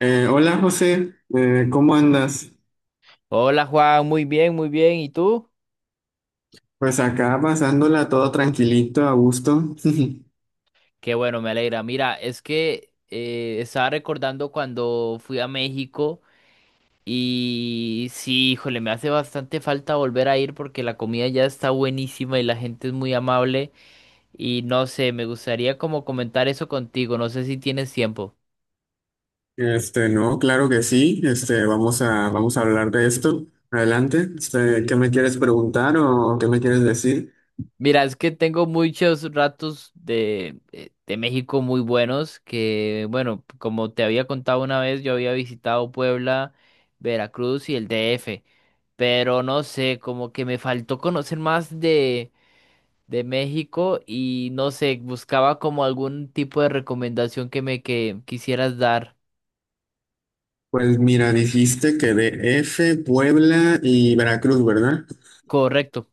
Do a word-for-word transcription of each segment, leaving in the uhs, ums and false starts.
Eh, hola José, Eh, ¿cómo andas? Hola Juan, muy bien, muy bien. ¿Y tú? Pues acá pasándola todo tranquilito, a gusto. Qué bueno, me alegra. Mira, es que eh, estaba recordando cuando fui a México y sí, híjole, me hace bastante falta volver a ir porque la comida ya está buenísima y la gente es muy amable y no sé, me gustaría como comentar eso contigo, no sé si tienes tiempo. Este, no, claro que sí. Este, vamos a, vamos a hablar de esto. Adelante. Este, ¿qué me quieres preguntar o qué me quieres decir? Mira, es que tengo muchos ratos de, eh, de México muy buenos que, bueno, como te había contado una vez, yo había visitado Puebla, Veracruz y el D F. Pero no sé, como que me faltó conocer más de, de México y no sé, buscaba como algún tipo de recomendación que me que quisieras dar. Pues mira, dijiste que de F, Puebla y Veracruz, ¿verdad? Correcto.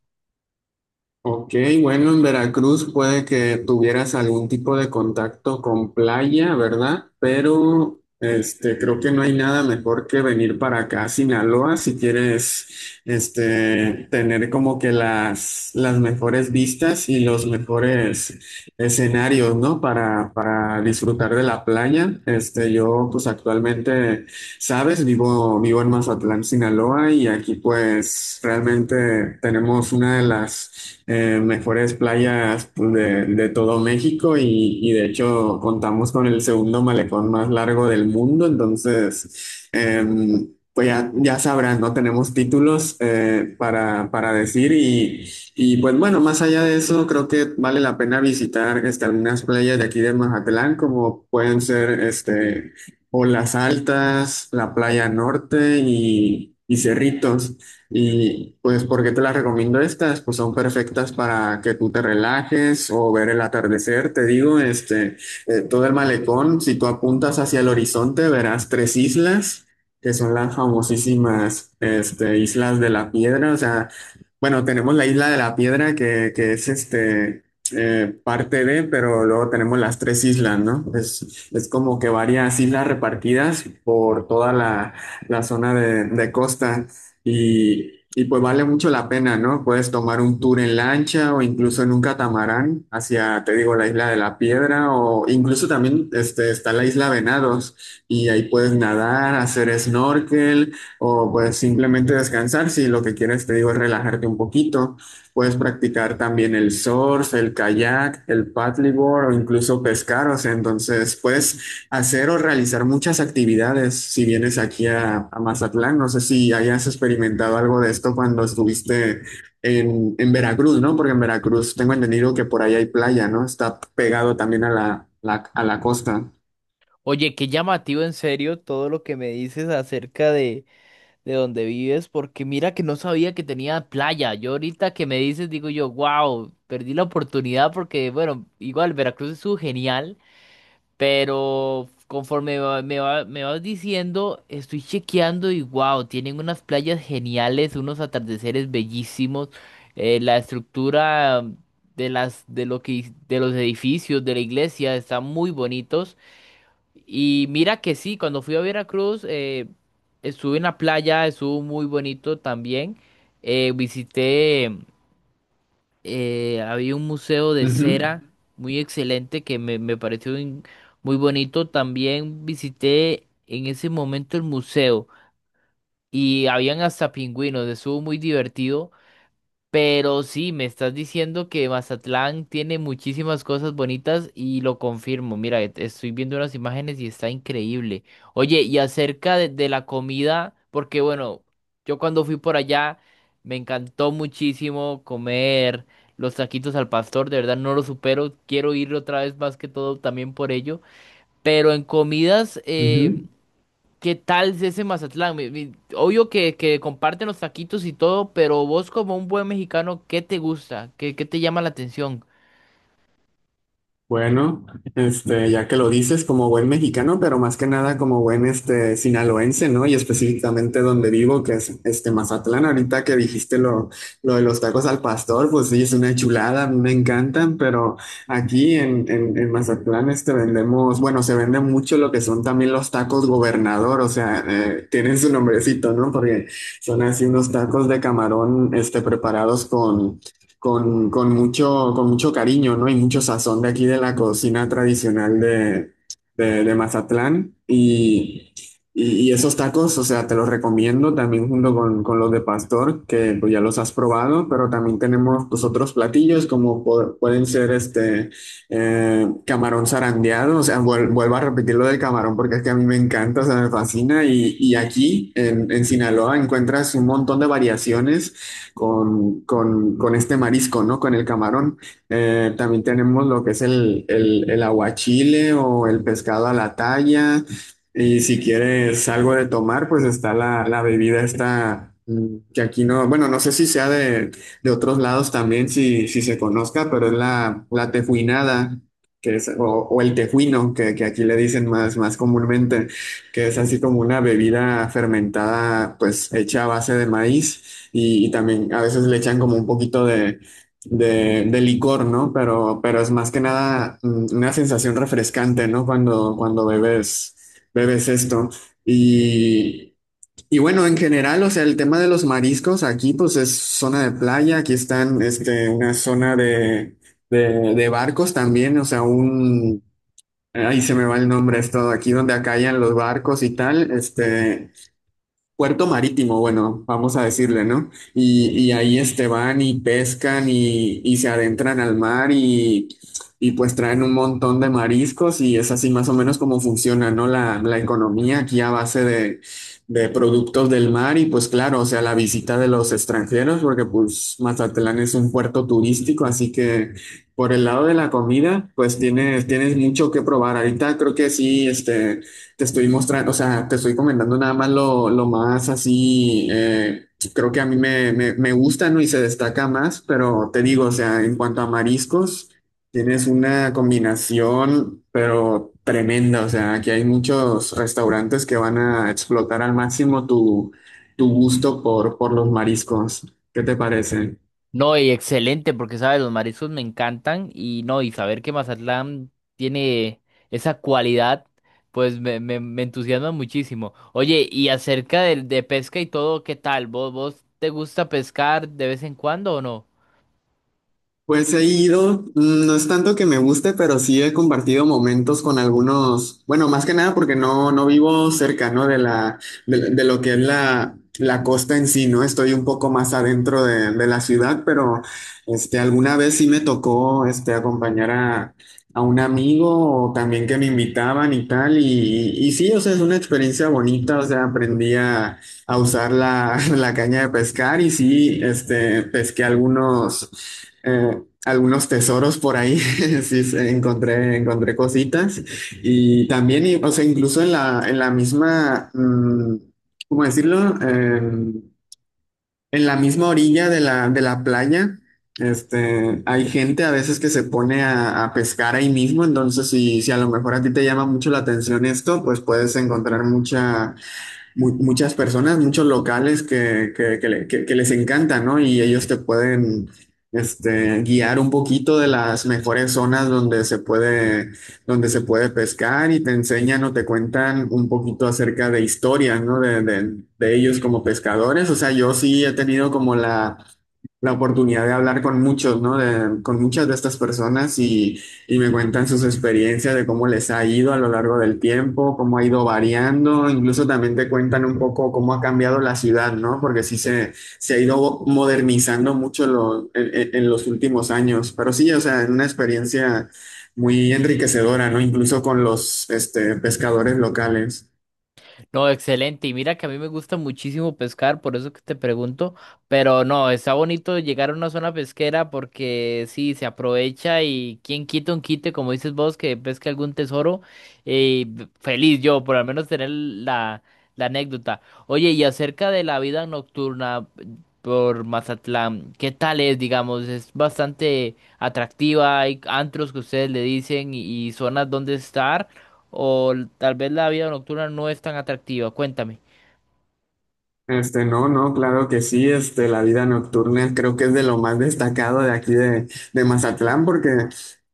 Ok, bueno, en Veracruz puede que tuvieras algún tipo de contacto con playa, ¿verdad? Pero este, creo que no hay nada mejor que venir para acá a Sinaloa si quieres este, tener como que las, las mejores vistas y los mejores escenarios, ¿no? Para, para disfrutar de la playa. Este, yo pues actualmente... Sabes, vivo, vivo en Mazatlán, Sinaloa, y aquí pues realmente tenemos una de las eh, mejores playas pues, de, de todo México y, y de hecho contamos con el segundo malecón más largo del mundo, entonces em, pues ya, ya sabrás, ¿no? Tenemos títulos eh, para, para decir y, y pues bueno, más allá de eso, creo que vale la pena visitar este, algunas playas de aquí de Mazatlán, como pueden ser este o las altas, la playa norte y, y cerritos. Y pues, ¿por qué te las recomiendo estas? Pues son perfectas para que tú te relajes o ver el atardecer. Te digo, este, eh, todo el malecón, si tú apuntas hacia el horizonte, verás tres islas, que son las famosísimas, este, Islas de la Piedra. O sea, bueno, tenemos la Isla de la Piedra que, que es este eh, parte de, pero luego tenemos las tres islas, ¿no? Es, es como que varias islas repartidas por toda la, la zona de, de costa y, y pues vale mucho la pena, ¿no? Puedes tomar un tour en lancha o incluso en un catamarán hacia, te digo, la isla de la Piedra o incluso también este, está la isla Venados y ahí puedes nadar, hacer snorkel o pues simplemente descansar si lo que quieres, te digo, es relajarte un poquito. Puedes practicar también el surf, el kayak, el paddleboard o incluso pescar. O sea, entonces puedes hacer o realizar muchas actividades si vienes aquí a, a Mazatlán. No sé si hayas experimentado algo de esto cuando estuviste en, en Veracruz, ¿no? Porque en Veracruz tengo entendido que por ahí hay playa, ¿no? Está pegado también a la, la- a la costa. Oye, qué llamativo en serio todo lo que me dices acerca de, de donde vives, porque mira que no sabía que tenía playa. Yo ahorita que me dices, digo yo, wow, perdí la oportunidad porque, bueno, igual Veracruz es genial. Pero conforme va- me va- me vas diciendo, estoy chequeando y wow, tienen unas playas geniales, unos atardeceres bellísimos, eh, la estructura de las de lo que de los edificios de la iglesia están muy bonitos. Y mira que sí, cuando fui a Veracruz, eh, estuve en la playa, estuvo muy bonito también. Eh, visité eh, había un museo de Ujú, cera muy excelente que me, me pareció in- muy bonito. También visité en ese momento el museo y habían hasta pingüinos, estuvo muy divertido. Pero sí, me estás diciendo que Mazatlán tiene muchísimas cosas bonitas y lo confirmo. Mira, et- estoy viendo unas imágenes y está increíble. Oye, y acerca de, de la comida, porque bueno, yo cuando fui por allá me encantó muchísimo comer los taquitos al pastor, de verdad no lo supero. Quiero ir otra vez más que todo también por ello. Pero en comidas, eh, ujú. ¿qué tal es ese Mazatlán? Mi- mi- Obvio que, que comparten los taquitos y todo, pero vos como un buen mexicano, ¿qué te gusta? ¿Qué, qué te llama la atención? Bueno, este, ya que lo dices, como buen mexicano, pero más que nada como buen este sinaloense, ¿no? Y específicamente donde vivo, que es este Mazatlán. Ahorita que dijiste lo, lo de los tacos al pastor, pues sí, es una chulada, a mí me encantan, pero aquí en, en, en Mazatlán este vendemos, bueno, se vende mucho lo que son también los tacos gobernador, o sea, eh, tienen su nombrecito, ¿no? Porque son así unos tacos de camarón, este, preparados con con, con mucho, con mucho cariño, ¿no? Y mucho sazón de aquí de la cocina tradicional de, de, de Mazatlán. Y, y- y esos tacos, o sea, te los recomiendo también junto con, con los de pastor, que pues, ya los has probado, pero también tenemos pues, otros platillos como po- pueden ser este eh, camarón zarandeado, o sea, vuel- vuelvo a repetir lo del camarón porque es que a mí me encanta, o sea, me fascina. Y, y aquí en, en Sinaloa encuentras un montón de variaciones con, con- con este marisco, ¿no? Con el camarón. Eh, también tenemos lo que es el, el, el aguachile o el pescado a la talla. Y si quieres algo de tomar, pues está la, la bebida esta, mm, que aquí no, bueno, no sé si sea de, de otros lados también, si, si se conozca, pero es la, la tejuinada. Que es, o, o el tejuino, que, que aquí le dicen más, más comúnmente que es así como una bebida fermentada, pues hecha a base de maíz. Y, y también a veces le echan como un poquito de, de, de licor, ¿no? Pero, pero es más que nada mm, una sensación refrescante, ¿no? Cuando, cuando bebes, bebes esto. Y, y bueno, en general, o sea, el tema de los mariscos aquí, pues es zona de playa, aquí están, este, una zona de, de, de barcos también, o sea, un... Ahí se me va el nombre, esto, aquí donde acallan los barcos y tal, este, puerto marítimo, bueno, vamos a decirle, ¿no? Y, y ahí este van y pescan y, y se adentran al mar y, y pues traen un montón de mariscos y es así más o menos como funciona, ¿no? La, la economía aquí a base de, de productos del mar y pues claro, o sea, la visita de los extranjeros, porque pues Mazatlán es un puerto turístico, así que por el lado de la comida, pues tienes, tienes mucho que probar. Ahorita creo que sí, este te estoy mostrando, o sea, te estoy comentando nada más lo, lo más así, eh, creo que a mí me, me, me gusta, ¿no? Y se destaca más, pero te digo, o sea, en cuanto a mariscos, tienes una combinación, pero tremenda, o sea, aquí hay muchos restaurantes que van a explotar al máximo tu, tu gusto por, por los mariscos. ¿Qué te parece? No, y excelente, porque sabes, los mariscos me encantan y no, y saber que Mazatlán tiene esa cualidad, pues me, me, me entusiasma muchísimo. Oye, y acerca de, de pesca y todo, ¿qué tal? ¿Vos, vos te gusta pescar de vez en cuando o no? Pues he ido, mm, no es tanto que me guste, pero sí he compartido momentos con algunos, bueno, más que nada porque no, no vivo cerca, ¿no? De la, de, de lo que es la, la costa en sí, ¿no? Estoy un poco más adentro de, de la ciudad, pero este, alguna vez sí me tocó este, acompañar a, a un amigo o también que me invitaban y tal, y, y, y sí, o sea, es una experiencia bonita, o sea, aprendí a, a usar la, la caña de pescar y sí, este, pesqué algunos eh, algunos tesoros por ahí, sí, se- encontré, encontré cositas y también, y- o sea, incluso en la, en la misma, mm, ¿cómo decirlo? Eh, en la misma orilla de la, de la playa, este, hay gente a veces que se pone a, a pescar ahí mismo, entonces si, si a lo mejor a ti te llama mucho la atención esto, pues puedes encontrar mucha mu- muchas personas, muchos locales que, que- que le- que- que les encanta, ¿no? Y ellos te pueden este, guiar un poquito de las mejores zonas donde se puede, donde se puede pescar y te enseñan o te cuentan un poquito acerca de historias, ¿no? De, de- de ellos como pescadores. O sea, yo sí he tenido como la la oportunidad de hablar con muchos, ¿no? De- con muchas de estas personas y, y me cuentan sus experiencias de cómo les ha ido a lo largo del tiempo, cómo ha ido variando, incluso también te cuentan un poco cómo ha cambiado la ciudad, ¿no? Porque sí se, se ha ido modernizando mucho lo- en, en- en los últimos años, pero sí, o sea, es una experiencia muy enriquecedora, ¿no? Incluso con los este, pescadores locales. No, excelente. Y mira que a mí me gusta muchísimo pescar, por eso que te pregunto. Pero no, está bonito llegar a una zona pesquera porque sí, se aprovecha y quien quita un quite, como dices vos, que pesque algún tesoro. eh, Feliz yo, por al menos tener la, la anécdota. Oye, y acerca de la vida nocturna por Mazatlán, ¿qué tal es, digamos? Es bastante atractiva, hay antros que ustedes le dicen y y zonas donde estar o l- tal vez la vida nocturna no es tan atractiva. Cuéntame. Este, no, no, claro que sí, este, la vida nocturna creo que es de lo más destacado de aquí de, de Mazatlán, porque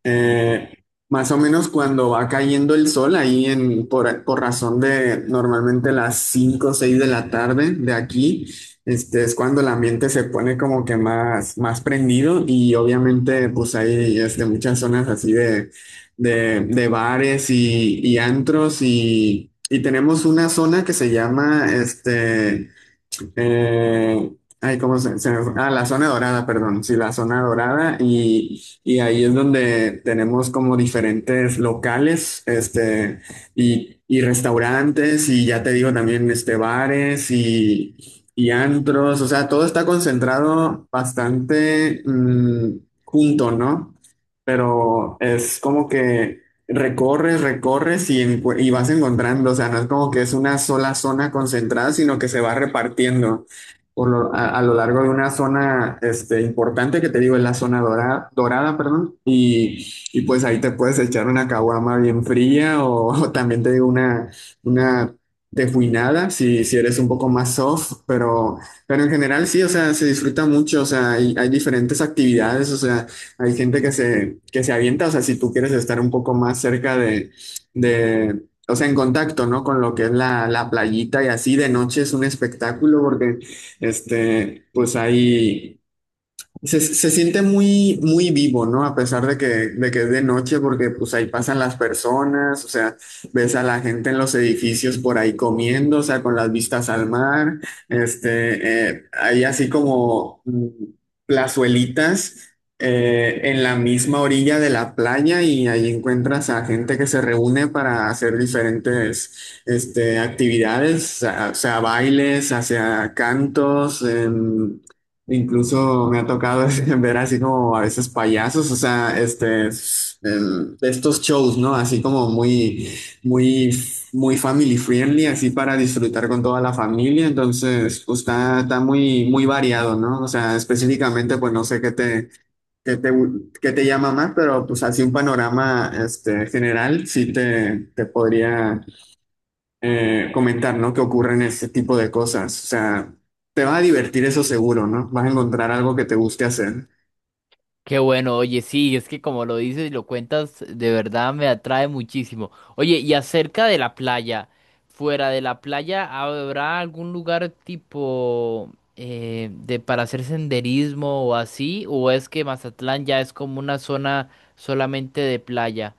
eh, más o menos cuando va cayendo el sol ahí en, por, por razón de normalmente las cinco o seis de la tarde de aquí, este, es cuando el ambiente se pone como que más, más prendido y obviamente pues hay este, muchas zonas así de, de, de bares y, y antros y, y tenemos una zona que se llama, este, eh, ay, ¿cómo se, se me fue? Ah, la zona dorada, perdón. Sí, la zona dorada. Y, y ahí es donde tenemos como diferentes locales, este, y, y restaurantes, y ya te digo también, este, bares y, y antros. O sea, todo está concentrado bastante mm, junto, ¿no? Pero es como que recorres, recorres y, encu- y vas encontrando, o sea, no es como que es una sola zona concentrada, sino que se va repartiendo por lo- a, a lo largo de una zona este, importante, que te digo, es la zona dorada, dorada, perdón, y, y pues ahí te puedes echar una caguama bien fría o, o también te digo una, una tejuinada, si, si eres un poco más soft, pero, pero en general sí, o sea, se disfruta mucho, o sea, hay, hay diferentes actividades, o sea, hay gente que se, que se avienta, o sea, si tú quieres estar un poco más cerca de, de, o sea, en contacto, ¿no? Con lo que es la, la playita y así de noche es un espectáculo porque, este, pues hay se, se siente muy, muy vivo, ¿no? A pesar de que, de que es de noche, porque pues ahí pasan las personas, o sea, ves a la gente en los edificios por ahí comiendo, o sea, con las vistas al mar, este, eh, hay así como mm, plazuelitas eh, en la misma orilla de la playa y ahí encuentras a gente que se reúne para hacer diferentes, este, actividades, o sea, o sea, bailes, hacia cantos, em, incluso me ha tocado ver así como a veces payasos, o sea, este, el- de estos shows, ¿no? Así como muy, muy, muy family friendly, así para disfrutar con toda la familia. Entonces, pues está, está muy, muy variado, ¿no? O sea, específicamente, pues no sé qué te, qué te, qué te llama más, pero pues así un panorama, este, general, sí te, te podría eh, comentar, ¿no? Que ocurren este tipo de cosas. O sea, te vas a divertir eso seguro, ¿no? Vas a encontrar algo que te guste hacer. Qué bueno, oye, sí, es que como lo dices y lo cuentas, de verdad me atrae muchísimo. Oye, y acerca de la playa, fuera de la playa, ¿habrá algún lugar tipo eh, de para hacer senderismo o así? ¿O es que Mazatlán ya es como una zona solamente de playa?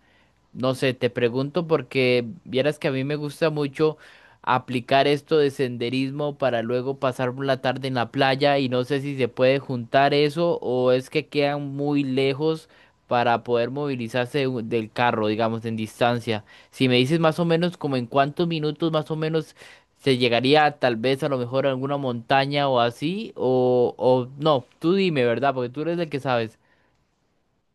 No sé, te pregunto porque vieras que a mí me gusta mucho aplicar esto de senderismo para luego pasar la tarde en la playa y no sé si se puede juntar eso o es que quedan muy lejos para poder movilizarse de un- del carro, digamos, en distancia. Si me dices más o menos como en cuántos minutos más o menos se llegaría tal vez a lo mejor a alguna montaña o así o, o no, tú dime, ¿verdad? Porque tú eres el que sabes.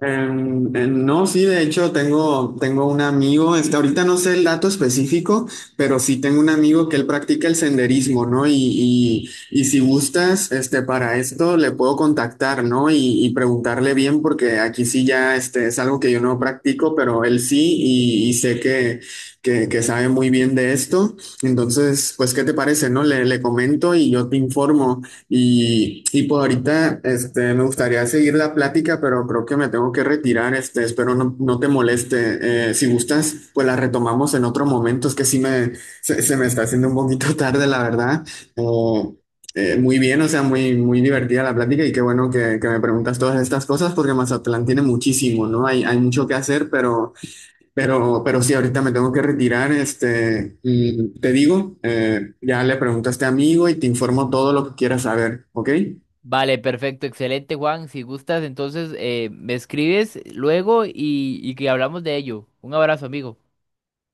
Em, eh, no, sí, de hecho tengo, tengo un amigo, este, ahorita no sé el dato específico, pero sí tengo un amigo que él practica el senderismo, ¿no? Y, y, y si gustas, este, para esto le puedo contactar, ¿no? Y, y preguntarle bien, porque aquí sí ya, este, es algo que yo no practico, pero él sí, y, y sé que, que, que sabe muy bien de esto. Entonces, pues, ¿qué te parece, no? Le, le comento y yo te informo. Y, y por ahorita, este, me gustaría seguir la plática, pero creo que me tengo que retirar, este, espero no, no te moleste. Eh, si gustas, pues la retomamos en otro momento, es que sí me, se, se me está haciendo un poquito tarde, la verdad. O, eh, muy bien, o sea, muy, muy divertida la plática y qué bueno que, que me preguntas todas estas cosas porque Mazatlán tiene muchísimo, ¿no? Hay, hay mucho que hacer, pero... Pero, pero sí, ahorita me tengo que retirar, este, y te digo, eh, ya le pregunto a este amigo y te informo todo lo que quieras saber, ¿ok? Vale, perfecto, excelente, Juan. Si gustas, entonces eh, me escribes luego y, y que hablamos de ello. Un abrazo, amigo.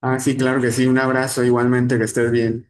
Ah, sí, claro que sí, un abrazo igualmente, que estés bien.